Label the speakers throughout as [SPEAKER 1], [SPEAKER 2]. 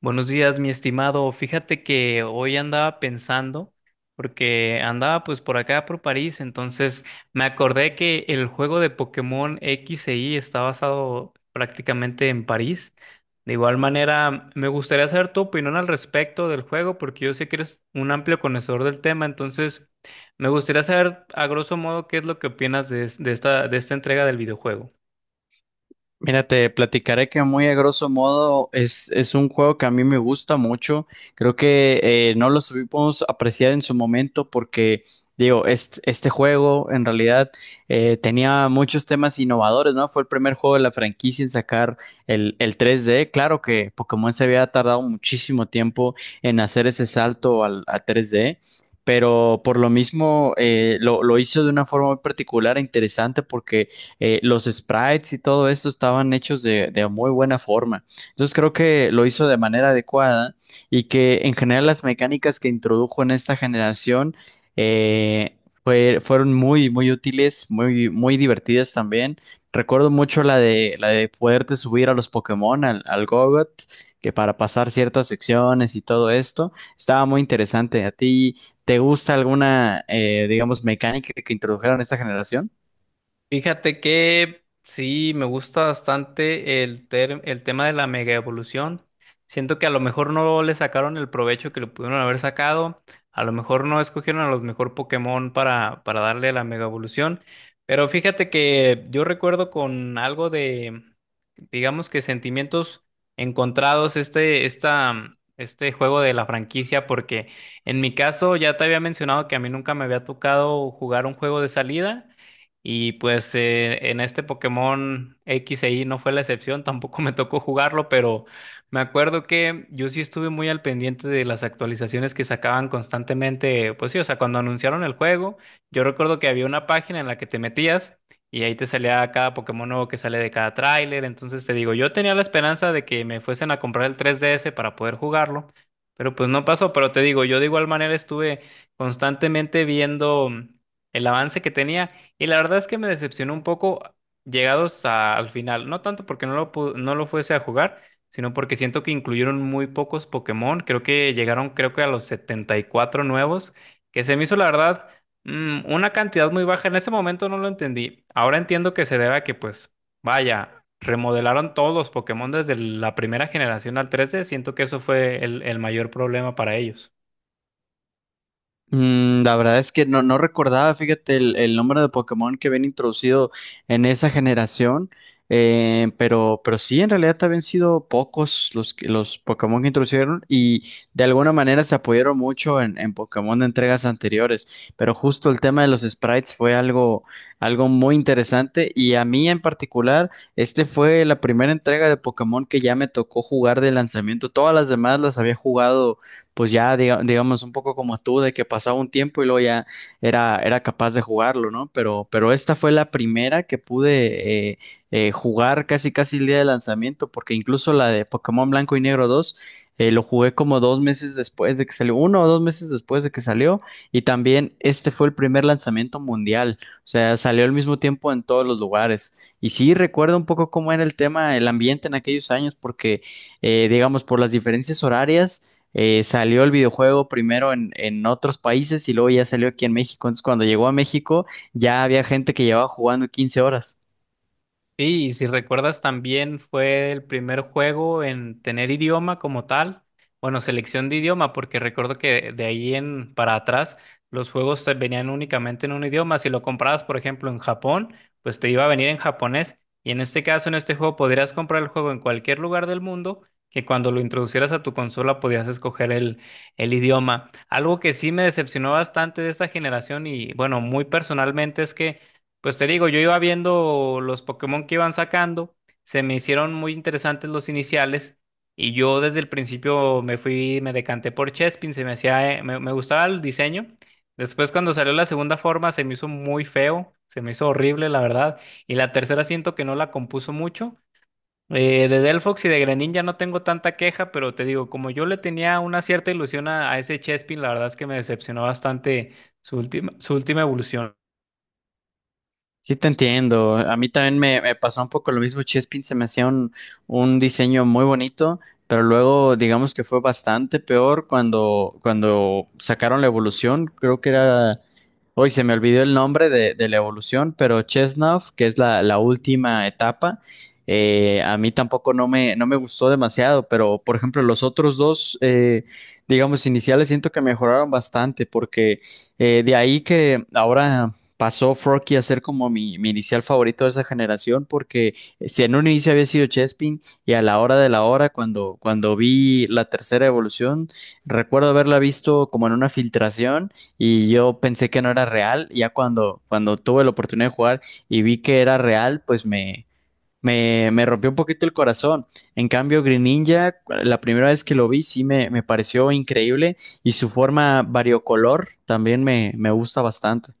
[SPEAKER 1] Buenos días, mi estimado. Fíjate que hoy andaba pensando, porque andaba pues por acá por París, entonces me acordé que el juego de Pokémon X e Y está basado prácticamente en París. De igual manera, me gustaría saber tu opinión al respecto del juego, porque yo sé que eres un amplio conocedor del tema, entonces me gustaría saber a grosso modo qué es lo que opinas de esta entrega del videojuego.
[SPEAKER 2] Mira, te platicaré que muy a grosso modo es un juego que a mí me gusta mucho. Creo que no lo supimos apreciar en su momento porque, digo, este juego en realidad tenía muchos temas innovadores, ¿no? Fue el primer juego de la franquicia en sacar el 3D. Claro que Pokémon se había tardado muchísimo tiempo en hacer ese salto a 3D. Pero por lo mismo lo hizo de una forma muy particular e interesante porque los sprites y todo esto estaban hechos de muy buena forma. Entonces creo que lo hizo de manera adecuada y que en general las mecánicas que introdujo en esta generación eh, fueron muy, muy útiles, muy, muy divertidas también. Recuerdo mucho la de poderte subir a los Pokémon, al Gogot, que para pasar ciertas secciones y todo esto, estaba muy interesante. ¿A ti te gusta alguna, digamos, mecánica que introdujeron en esta generación?
[SPEAKER 1] Fíjate que sí, me gusta bastante el tema de la mega evolución. Siento que a lo mejor no le sacaron el provecho que le pudieron haber sacado. A lo mejor no escogieron a los mejor Pokémon para darle la mega evolución. Pero fíjate que yo recuerdo con algo de, digamos que sentimientos encontrados este juego de la franquicia, porque en mi caso ya te había mencionado que a mí nunca me había tocado jugar un juego de salida. Y pues en este Pokémon X e Y no fue la excepción, tampoco me tocó jugarlo, pero me acuerdo que yo sí estuve muy al pendiente de las actualizaciones que sacaban constantemente. Pues sí, o sea, cuando anunciaron el juego, yo recuerdo que había una página en la que te metías y ahí te salía cada Pokémon nuevo que sale de cada tráiler. Entonces te digo, yo tenía la esperanza de que me fuesen a comprar el 3DS para poder jugarlo, pero pues no pasó. Pero te digo, yo de igual manera estuve constantemente viendo el avance que tenía. Y la verdad es que me decepcionó un poco llegados al final. No tanto porque no lo fuese a jugar, sino porque siento que incluyeron muy pocos Pokémon. Creo que a los 74 nuevos, que se me hizo la verdad una cantidad muy baja. En ese momento no lo entendí. Ahora entiendo que se debe a que, pues, vaya, remodelaron todos los Pokémon desde la primera generación al 3D. Siento que eso fue el mayor problema para ellos.
[SPEAKER 2] La verdad es que no recordaba, fíjate, el número de Pokémon que habían introducido en esa generación, pero sí, en realidad habían sido pocos los, los Pokémon que introdujeron y de alguna manera se apoyaron mucho en Pokémon de entregas anteriores, pero justo el tema de los sprites fue algo muy interesante y a mí en particular, este fue la primera entrega de Pokémon que ya me tocó jugar de lanzamiento, todas las demás las había jugado pues ya digamos un poco como tú, de que pasaba un tiempo y luego ya era capaz de jugarlo, ¿no? Pero esta fue la primera que pude jugar casi casi el día de lanzamiento, porque incluso la de Pokémon Blanco y Negro 2 lo jugué como 2 meses después de que salió, 1 o 2 meses después de que salió, y también este fue el primer lanzamiento mundial, o sea, salió al mismo tiempo en todos los lugares. Y sí, recuerdo un poco cómo era el tema, el ambiente en aquellos años, porque, digamos, por las diferencias horarias, salió el videojuego primero en otros países y luego ya salió aquí en México. Entonces, cuando llegó a México, ya había gente que llevaba jugando 15 horas.
[SPEAKER 1] Sí, y si recuerdas también fue el primer juego en tener idioma como tal, bueno, selección de idioma, porque recuerdo que de ahí en para atrás los juegos se venían únicamente en un idioma. Si lo comprabas, por ejemplo, en Japón, pues te iba a venir en japonés. Y en este caso, en este juego, podrías comprar el juego en cualquier lugar del mundo, que cuando lo introducieras a tu consola podías escoger el idioma. Algo que sí me decepcionó bastante de esta generación y bueno, muy personalmente es que... Pues te digo, yo iba viendo los Pokémon que iban sacando, se me hicieron muy interesantes los iniciales y yo desde el principio me fui, me decanté por Chespin, se me hacía, me gustaba el diseño. Después cuando salió la segunda forma se me hizo muy feo, se me hizo horrible la verdad. Y la tercera siento que no la compuso mucho. De Delphox y de Greninja no tengo tanta queja, pero te digo, como yo le tenía una cierta ilusión a ese Chespin, la verdad es que me decepcionó bastante su última evolución.
[SPEAKER 2] Sí, te entiendo. A mí también me pasó un poco lo mismo. Chespin se me hacía un diseño muy bonito, pero luego digamos que fue bastante peor cuando sacaron la evolución. Creo que era. Hoy se me olvidó el nombre de la evolución, pero Chesnov, que es la última etapa, a mí tampoco no me gustó demasiado, pero por ejemplo los otros dos, digamos, iniciales siento que mejoraron bastante, porque de ahí que ahora pasó Forky a ser como mi inicial favorito de esa generación, porque si en un inicio había sido Chespin y a la hora de la hora, cuando vi la tercera evolución, recuerdo haberla visto como en una filtración y yo pensé que no era real, ya cuando tuve la oportunidad de jugar y vi que era real, pues me. Me rompió un poquito el corazón. En cambio, Green Ninja, la primera vez que lo vi, sí me pareció increíble y su forma variocolor también me gusta bastante.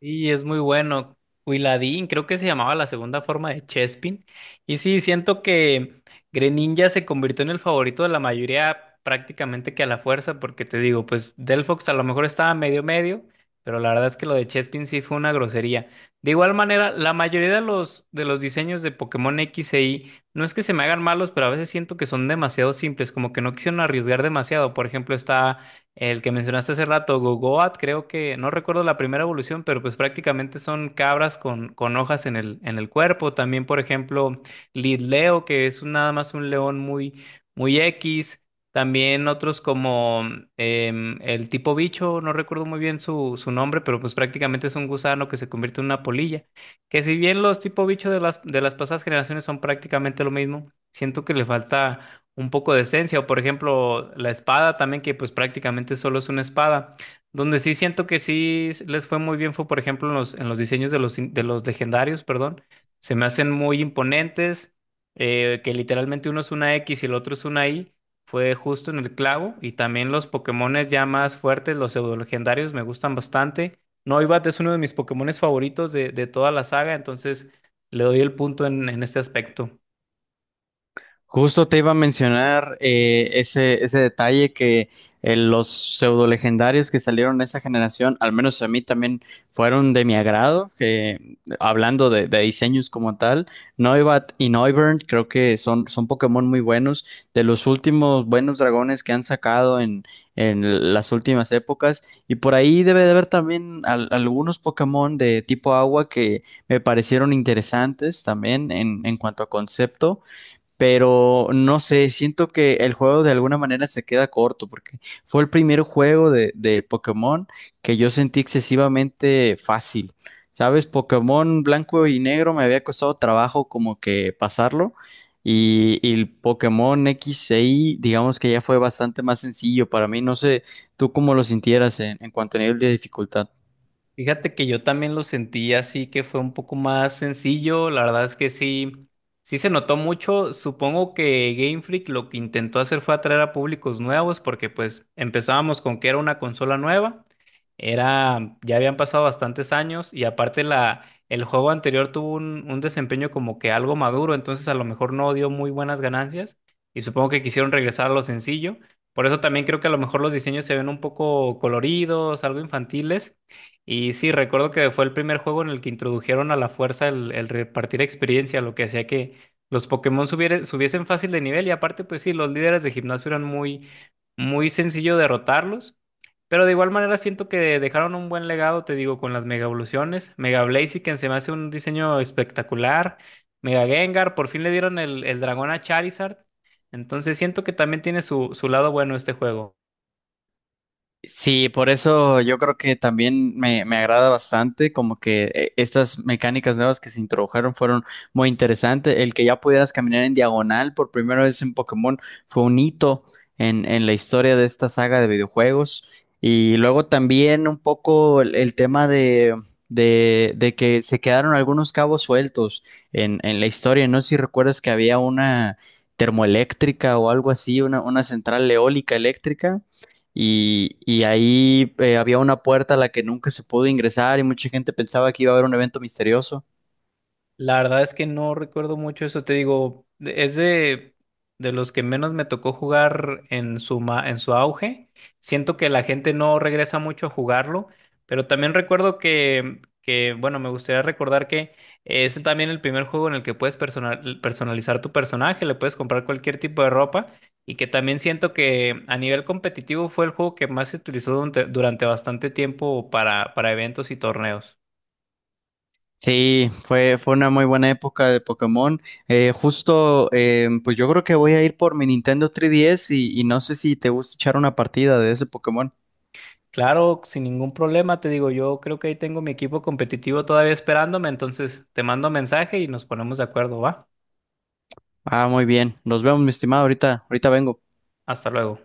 [SPEAKER 1] Y es muy bueno. Huiladín, creo que se llamaba la segunda forma de Chespin. Y sí, siento que Greninja se convirtió en el favorito de la mayoría prácticamente que a la fuerza, porque te digo, pues Delphox a lo mejor estaba medio medio, pero la verdad es que lo de Chespin sí fue una grosería. De igual manera, la mayoría de de los diseños de Pokémon X e Y no es que se me hagan malos, pero a veces siento que son demasiado simples, como que no quisieron arriesgar demasiado. Por ejemplo, está el que mencionaste hace rato, Gogoat, creo que, no recuerdo la primera evolución, pero pues prácticamente son cabras con hojas en en el cuerpo. También, por ejemplo, Lidleo, que es nada más un león muy, muy X. También otros como el tipo bicho, no recuerdo muy bien su nombre, pero pues prácticamente es un gusano que se convierte en una polilla. Que si bien los tipo bicho de de las pasadas generaciones son prácticamente lo mismo, siento que le falta un poco de esencia, o por ejemplo la espada también, que pues prácticamente solo es una espada. Donde sí siento que sí les fue muy bien fue, por ejemplo, en en los diseños de los legendarios, perdón. Se me hacen muy imponentes, que literalmente uno es una X y el otro es una Y. Fue justo en el clavo. Y también los Pokémones ya más fuertes, los pseudo legendarios, me gustan bastante. Noibat es uno de mis Pokémones favoritos de toda la saga, entonces le doy el punto en este aspecto.
[SPEAKER 2] Justo te iba a mencionar ese detalle que los pseudo legendarios que salieron de esa generación, al menos a mí también fueron de mi agrado, que hablando de diseños como tal, Noibat y Noivern creo que son Pokémon muy buenos, de los últimos buenos dragones que han sacado en las últimas épocas, y por ahí debe de haber también algunos Pokémon de tipo agua que me parecieron interesantes también en cuanto a concepto, pero no sé, siento que el juego de alguna manera se queda corto porque fue el primer juego de Pokémon que yo sentí excesivamente fácil. ¿Sabes? Pokémon Blanco y Negro me había costado trabajo como que pasarlo y el Pokémon X e Y digamos que ya fue bastante más sencillo para mí. No sé, tú cómo lo sintieras en cuanto a nivel de dificultad.
[SPEAKER 1] Fíjate que yo también lo sentí así que fue un poco más sencillo. La verdad es que sí, sí se notó mucho. Supongo que Game Freak lo que intentó hacer fue atraer a públicos nuevos porque pues empezábamos con que era una consola nueva. Era, ya habían pasado bastantes años y aparte el juego anterior tuvo un desempeño como que algo maduro, entonces a lo mejor no dio muy buenas ganancias y supongo que quisieron regresar a lo sencillo. Por eso también creo que a lo mejor los diseños se ven un poco coloridos, algo infantiles. Y sí, recuerdo que fue el primer juego en el que introdujeron a la fuerza el repartir experiencia, lo que hacía que los Pokémon subiesen fácil de nivel y aparte pues sí, los líderes de gimnasio eran muy, muy sencillo derrotarlos. Pero de igual manera siento que dejaron un buen legado, te digo, con las Mega Evoluciones. Mega Blaziken se me hace un diseño espectacular. Mega Gengar, por fin le dieron el dragón a Charizard. Entonces siento que también tiene su, su lado bueno este juego.
[SPEAKER 2] Sí, por eso yo creo que también me agrada bastante, como que estas mecánicas nuevas que se introdujeron fueron muy interesantes. El que ya pudieras caminar en diagonal por primera vez en Pokémon fue un hito en la historia de esta saga de videojuegos. Y luego también un poco el tema de que se quedaron algunos cabos sueltos en la historia. No sé si recuerdas que había una termoeléctrica o algo así, una central eólica eléctrica y ahí había una puerta a la que nunca se pudo ingresar y mucha gente pensaba que iba a haber un evento misterioso.
[SPEAKER 1] La verdad es que no recuerdo mucho eso, te digo, de los que menos me tocó jugar en su auge. Siento que la gente no regresa mucho a jugarlo, pero también recuerdo que bueno, me gustaría recordar que es también el primer juego en el que puedes personalizar tu personaje, le puedes comprar cualquier tipo de ropa y que también siento que a nivel competitivo fue el juego que más se utilizó durante bastante tiempo para eventos y torneos.
[SPEAKER 2] Sí, fue una muy buena época de Pokémon. Justo, pues yo creo que voy a ir por mi Nintendo 3DS y no sé si te gusta echar una partida de ese Pokémon.
[SPEAKER 1] Claro, sin ningún problema, te digo, yo creo que ahí tengo mi equipo competitivo todavía esperándome, entonces te mando mensaje y nos ponemos de acuerdo, ¿va?
[SPEAKER 2] Ah, muy bien. Nos vemos, mi estimado. Ahorita, ahorita vengo.
[SPEAKER 1] Hasta luego.